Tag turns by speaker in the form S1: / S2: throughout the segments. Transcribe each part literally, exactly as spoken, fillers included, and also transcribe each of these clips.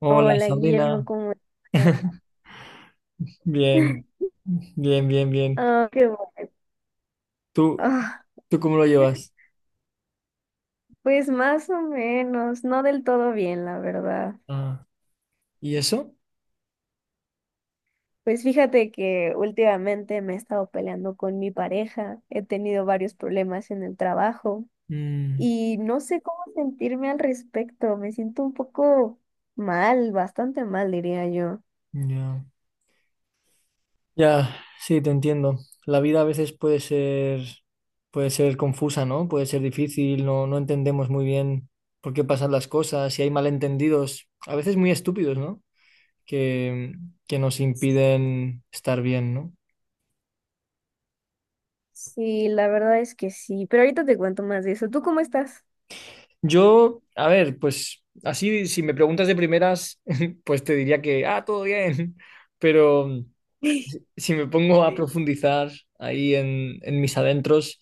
S1: Hola,
S2: Hola Guillermo,
S1: Sabrina.
S2: ¿cómo estás?
S1: Bien, bien, bien, bien.
S2: Ah, qué bueno.
S1: ¿Tú,
S2: Ah,
S1: tú cómo lo llevas?
S2: pues más o menos, no del todo bien, la verdad.
S1: Ah, ¿y eso?
S2: Pues fíjate que últimamente me he estado peleando con mi pareja, he tenido varios problemas en el trabajo
S1: Mm,
S2: y no sé cómo sentirme al respecto, me siento un poco mal, bastante mal, diría yo.
S1: ya. Ya, sí, te entiendo. La vida a veces puede ser, puede ser confusa, ¿no? Puede ser difícil, no, no entendemos muy bien por qué pasan las cosas y hay malentendidos, a veces muy estúpidos, ¿no? Que, que nos impiden estar bien, ¿no?
S2: Sí, la verdad es que sí, pero ahorita te cuento más de eso. ¿Tú cómo estás?
S1: Yo, a ver, pues así, si me preguntas de primeras, pues te diría que, ah, todo bien, pero mm, si me pongo a profundizar ahí en, en mis adentros,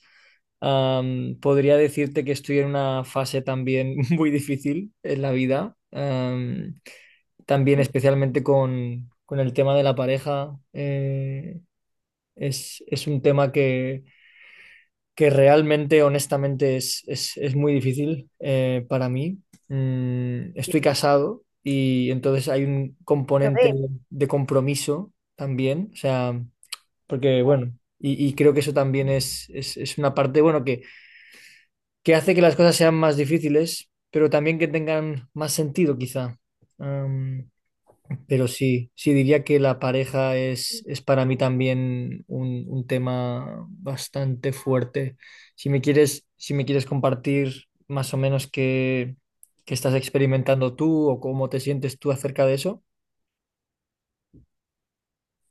S1: am, podría decirte que estoy en una fase también muy difícil en la vida, am, también especialmente con, con el tema de la pareja, eh, es, es un tema que que realmente, honestamente, es, es- es muy difícil eh, para mí. Mm, estoy casado y entonces hay un componente
S2: Ok.
S1: de compromiso también, o sea, porque bueno, y, y creo que eso también es, es- es una parte, bueno, que, que hace que las cosas sean más difíciles, pero también que tengan más sentido, quizá. Pero sí, sí diría que la pareja es, es para mí también un, un tema bastante fuerte. Si me quieres, si me quieres compartir más o menos qué, qué estás experimentando tú o cómo te sientes tú acerca de eso.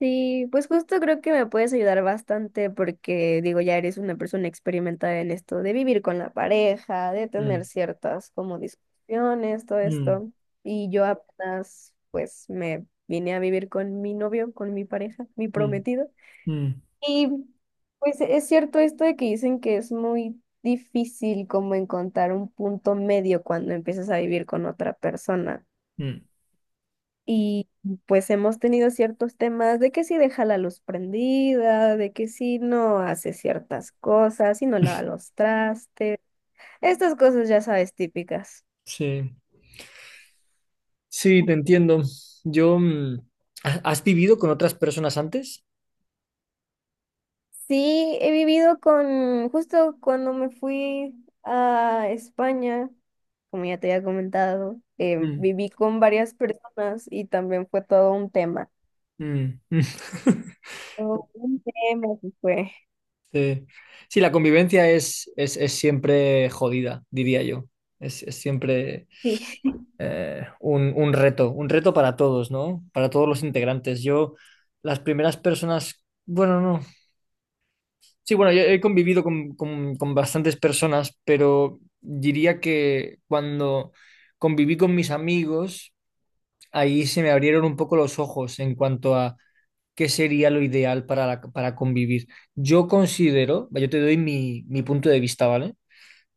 S2: Sí, pues justo creo que me puedes ayudar bastante porque digo, ya eres una persona experimentada en esto de vivir con la pareja, de tener
S1: Mm,
S2: ciertas como discusiones, todo
S1: mm,
S2: esto. Y yo apenas pues me vine a vivir con mi novio, con mi pareja, mi
S1: mm,
S2: prometido.
S1: mm,
S2: Y pues es cierto esto de que dicen que es muy difícil como encontrar un punto medio cuando empiezas a vivir con otra persona.
S1: mm.
S2: Y pues hemos tenido ciertos temas de que si deja la luz prendida, de que si no hace ciertas cosas, si no lava los trastes, estas cosas ya sabes típicas.
S1: Sí, sí, te entiendo. Yo, mm, ¿ha- ¿has vivido con otras personas antes?
S2: Sí, he vivido con, justo cuando me fui a España, como ya te había comentado, eh,
S1: Mm,
S2: viví con varias personas y también fue todo un tema.
S1: mm, mm.
S2: Todo un tema que fue.
S1: Sí, sí, la convivencia es, es, es siempre jodida, diría yo. Es, es siempre
S2: Sí,
S1: eh, un, un reto, un reto para todos, ¿no? Para todos los integrantes. Yo, las primeras personas, bueno, no. Sí, bueno, yo he convivido con, con, con bastantes personas, pero diría que cuando conviví con mis amigos, ahí se me abrieron un poco los ojos en cuanto a qué sería lo ideal para, la- para convivir. Yo considero, yo te doy mi, mi punto de vista, ¿vale?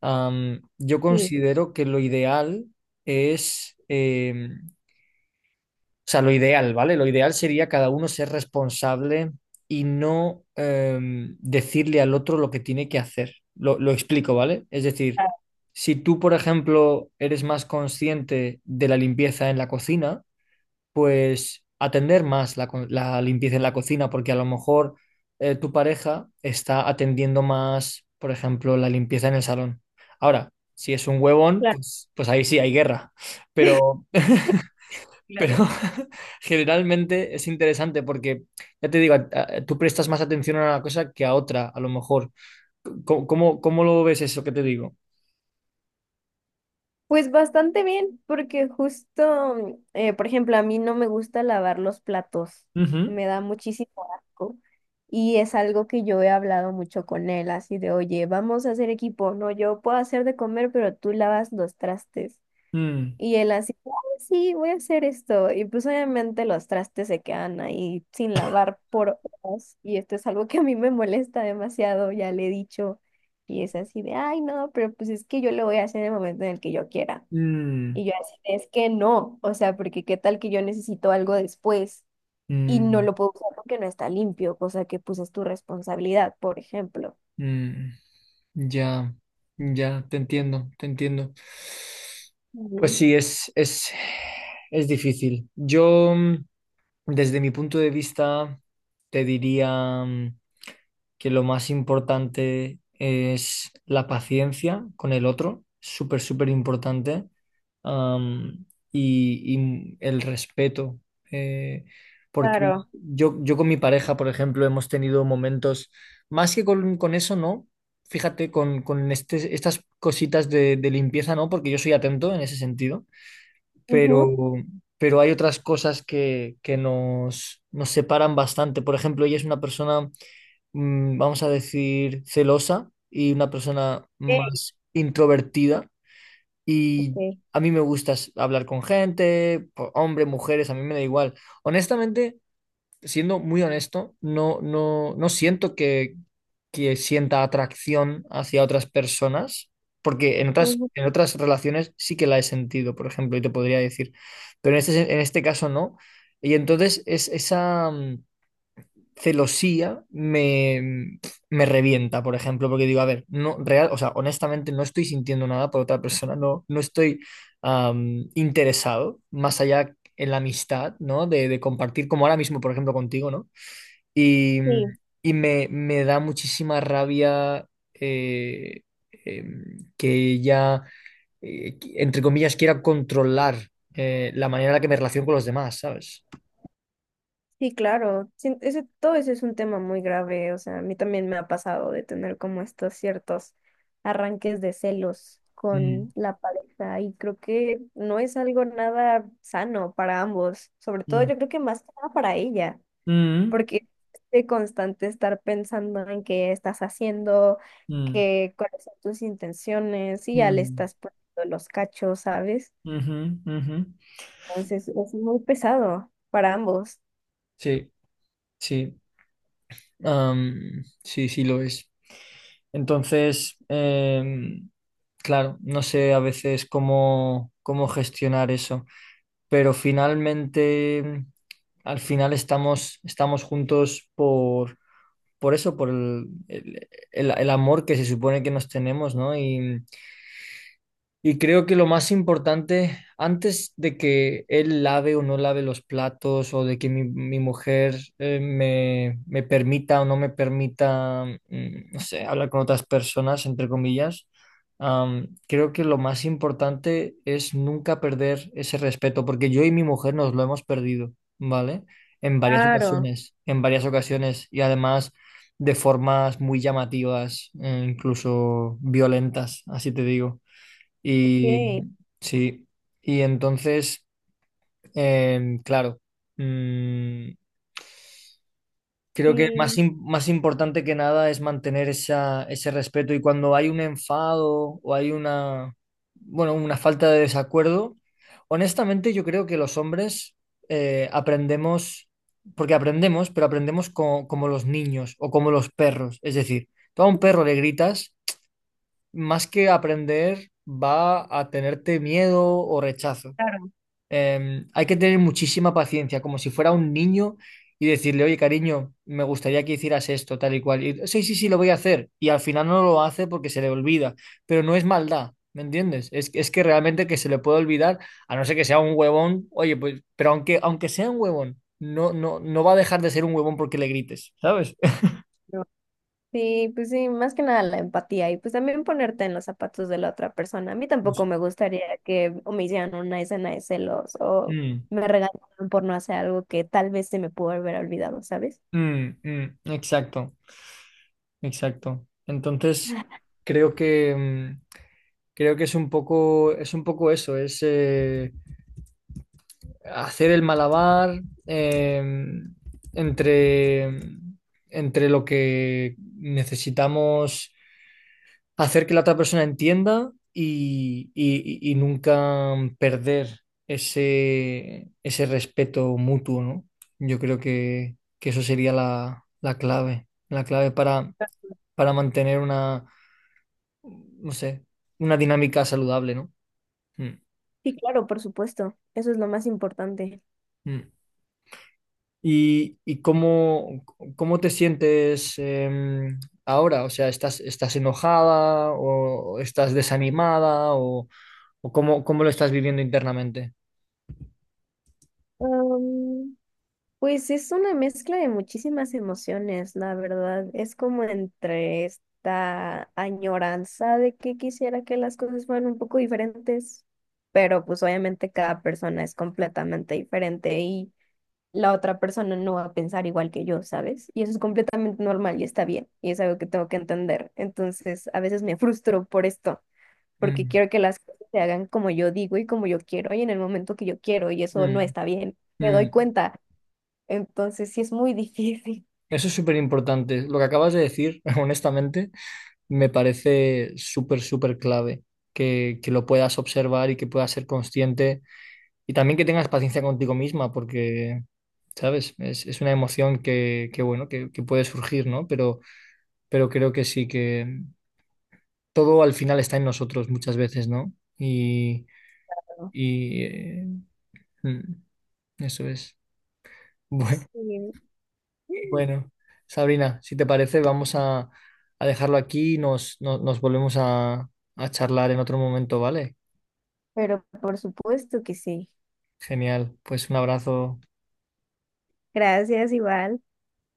S1: Am, yo
S2: sí,
S1: considero que lo ideal es, eh, o sea, lo ideal, ¿vale? Lo ideal sería cada uno ser responsable y no em, decirle al otro lo que tiene que hacer. Lo, lo explico, ¿vale? Es decir,
S2: ah,
S1: si tú, por ejemplo, eres más consciente de la limpieza en la cocina, pues atender más la, co- la limpieza en la cocina, porque a lo mejor eh, tu pareja está atendiendo más, por ejemplo, la limpieza en el salón. Ahora, si es un huevón,
S2: claro,
S1: pues, pues ahí sí hay guerra, pero, pero
S2: claro.
S1: generalmente es interesante porque, ya te digo, a- a- tú prestas más atención a una cosa que a otra, a lo mejor. ¿Cómo, cómo, ¿cómo lo ves eso que te digo?
S2: Pues bastante bien, porque justo, eh, por ejemplo, a mí no me gusta lavar los platos,
S1: Ujú.
S2: me da muchísimo asco y es algo que yo he hablado mucho con él, así de, oye, vamos a hacer equipo, no, yo puedo hacer de comer, pero tú lavas los trastes.
S1: Mm,
S2: Y él así, "Ah, sí, voy a hacer esto." Y pues obviamente los trastes se quedan ahí sin lavar por horas y esto es algo que a mí me molesta demasiado, ya le he dicho. Y es así de, ay, no, pero pues es que yo lo voy a hacer en el momento en el que yo quiera.
S1: mm,
S2: Y yo así, es que no, o sea, porque qué tal que yo necesito algo después y no
S1: mm,
S2: lo puedo usar porque no está limpio, cosa que pues es tu responsabilidad, por ejemplo.
S1: mm. Ya, ya, te entiendo, te entiendo. Pues
S2: Mm.
S1: sí, es, es, es difícil. Yo, mm, desde mi punto de vista, te diría. Mm, que lo más importante es la paciencia con el otro, súper, súper importante, am, y, y el respeto. eh, porque
S2: Claro.
S1: yo, yo con mi pareja, por ejemplo, hemos tenido momentos, más que con, con eso, ¿no? Fíjate, con, con este- estas cositas de, de limpieza, ¿no? Porque yo soy atento en ese sentido pero,
S2: Ujú.
S1: pero hay otras cosas que, que nos, nos separan bastante. Por ejemplo, ella es una persona, mm, vamos a decir, celosa y una persona más introvertida. Y
S2: Sí.
S1: a mí me gusta s- hablar con gente, po- hombre, mujeres, a mí me da igual. Honestamente, siendo muy honesto, no, no, no siento que, que sienta atracción hacia otras personas, porque en otras,
S2: Ujú.
S1: en otras relaciones sí que la he sentido, por ejemplo, y te podría decir, pero en este, en este caso no. Y entonces es, esa mm, celosía me, me revienta, por ejemplo, porque digo, a ver, no, real, o sea, honestamente no estoy sintiendo nada por otra persona, no, no estoy am, interesado, más allá en la amistad, ¿no? De, de compartir, como ahora mismo, por ejemplo, contigo, ¿no? Y,
S2: Sí.
S1: y me, me da muchísima rabia eh, em, que ella, eh, qui- entre comillas, quiera controlar eh, la manera en la que me relaciono con los demás, ¿sabes?
S2: Sí, claro, sí, ese, todo eso es un tema muy grave, o sea, a mí también me ha pasado de tener como estos ciertos arranques de celos
S1: Mm,
S2: con la pareja y creo que no es algo nada sano para ambos, sobre todo
S1: mm,
S2: yo creo que más que nada para ella.
S1: mm,
S2: Porque es de constante estar pensando en qué estás haciendo,
S1: mm,
S2: qué, cuáles son tus intenciones, y ya le
S1: mm,
S2: estás poniendo los cachos, ¿sabes?
S1: ujú, ujú.
S2: Entonces es muy pesado para ambos.
S1: Sí, sí, am, sí, sí lo es. Entonces, em, claro, no sé a veces cómo, cómo gestionar eso. Pero finalmente, al final estamos, estamos juntos por, por eso, por el, el- el- el amor que se supone que nos tenemos, ¿no? Y, y creo que lo más importante, antes de que él lave o no lave los platos, o de que mi, mi mujer eh, me, me permita o no me permita, mm, no sé, hablar con otras personas, entre comillas, am, creo que lo más importante es nunca perder ese respeto, porque yo y mi mujer nos lo hemos perdido, ¿vale? En varias
S2: Claro,
S1: ocasiones, en varias ocasiones, y además de formas muy llamativas, eh, incluso violentas, así te digo. Y
S2: ok,
S1: sí, y entonces, em, claro, mm, creo que más,
S2: sí.
S1: im- más importante que nada es mantener esa, ese respeto y cuando hay un enfado o hay una, bueno, una falta de desacuerdo, honestamente yo creo que los hombres eh, aprendemos, porque aprendemos, pero aprendemos co- como los niños o como los perros, es decir, tú a un perro le gritas, más que aprender, va a tenerte miedo o rechazo.
S2: Claro,
S1: Eh, hay que tener muchísima paciencia, como si fuera un niño y decirle, oye, cariño, me gustaría que hicieras esto, tal y cual. Y, sí, sí, sí, lo voy a hacer. Y al final no lo hace porque se le olvida, pero no es maldad, ¿me entiendes? Es, es que realmente que se le puede olvidar, a no ser que sea un huevón, oye, pues, pero aunque, aunque sea un huevón, no, no, no va a dejar de ser un huevón porque le grites, ¿sabes?
S2: yo- sí, pues sí, más que nada la empatía y pues también ponerte en los zapatos de la otra persona. A mí tampoco me gustaría que o me hicieran una escena de celos o
S1: Mm,
S2: me regañaran por no hacer algo que tal vez se me pudo haber olvidado, ¿sabes?
S1: mm, mm, exacto, exacto. Entonces, creo que... mm, creo que es un poco, es un poco eso, es eh, hacer el malabar eh, entre, entre lo que necesitamos hacer que la otra persona entienda y, y- y- y nunca perder ese, ese respeto mutuo, ¿no? Yo creo que, que eso sería la, la clave, la clave para, para mantener una, no sé, una dinámica saludable, ¿no? Mm,
S2: Sí, claro, por supuesto. Eso es lo más importante.
S1: mm. ¿Y, ¿y cómo, cómo te sientes eh, ahora? O sea, ¿estás, estás enojada o estás desanimada o, o cómo, cómo lo estás viviendo internamente?
S2: Um, pues es una mezcla de muchísimas emociones, la verdad. Es como entre esta añoranza de que quisiera que las cosas fueran un poco diferentes, pero pues obviamente cada persona es completamente diferente y la otra persona no va a pensar igual que yo, ¿sabes? Y eso es completamente normal y está bien, y es algo que tengo que entender. Entonces, a veces me frustro por esto. Porque
S1: Mm,
S2: quiero que las cosas se hagan como yo digo y como yo quiero y en el momento que yo quiero y eso no
S1: mm,
S2: está bien, me
S1: mm.
S2: doy cuenta. Entonces sí es muy difícil.
S1: Eso es súper importante. Lo que acabas de decir, honestamente, me parece súper, súper clave que, que lo puedas observar y que puedas ser consciente y también que tengas paciencia contigo misma porque, ¿sabes? Es, es una emoción que, que, bueno, que, que puede surgir, ¿no? Pero... pero creo que sí que todo al final está en nosotros muchas veces, ¿no? Y,
S2: ¿No?
S1: y, eh, mm, eso es. Bueno,
S2: Sí.
S1: bueno, Sabrina, si te parece, vamos a, a dejarlo aquí y nos, no- nos volvemos a, a charlar en otro momento, ¿vale?
S2: Pero por supuesto que sí.
S1: Genial, pues un abrazo.
S2: Gracias, igual.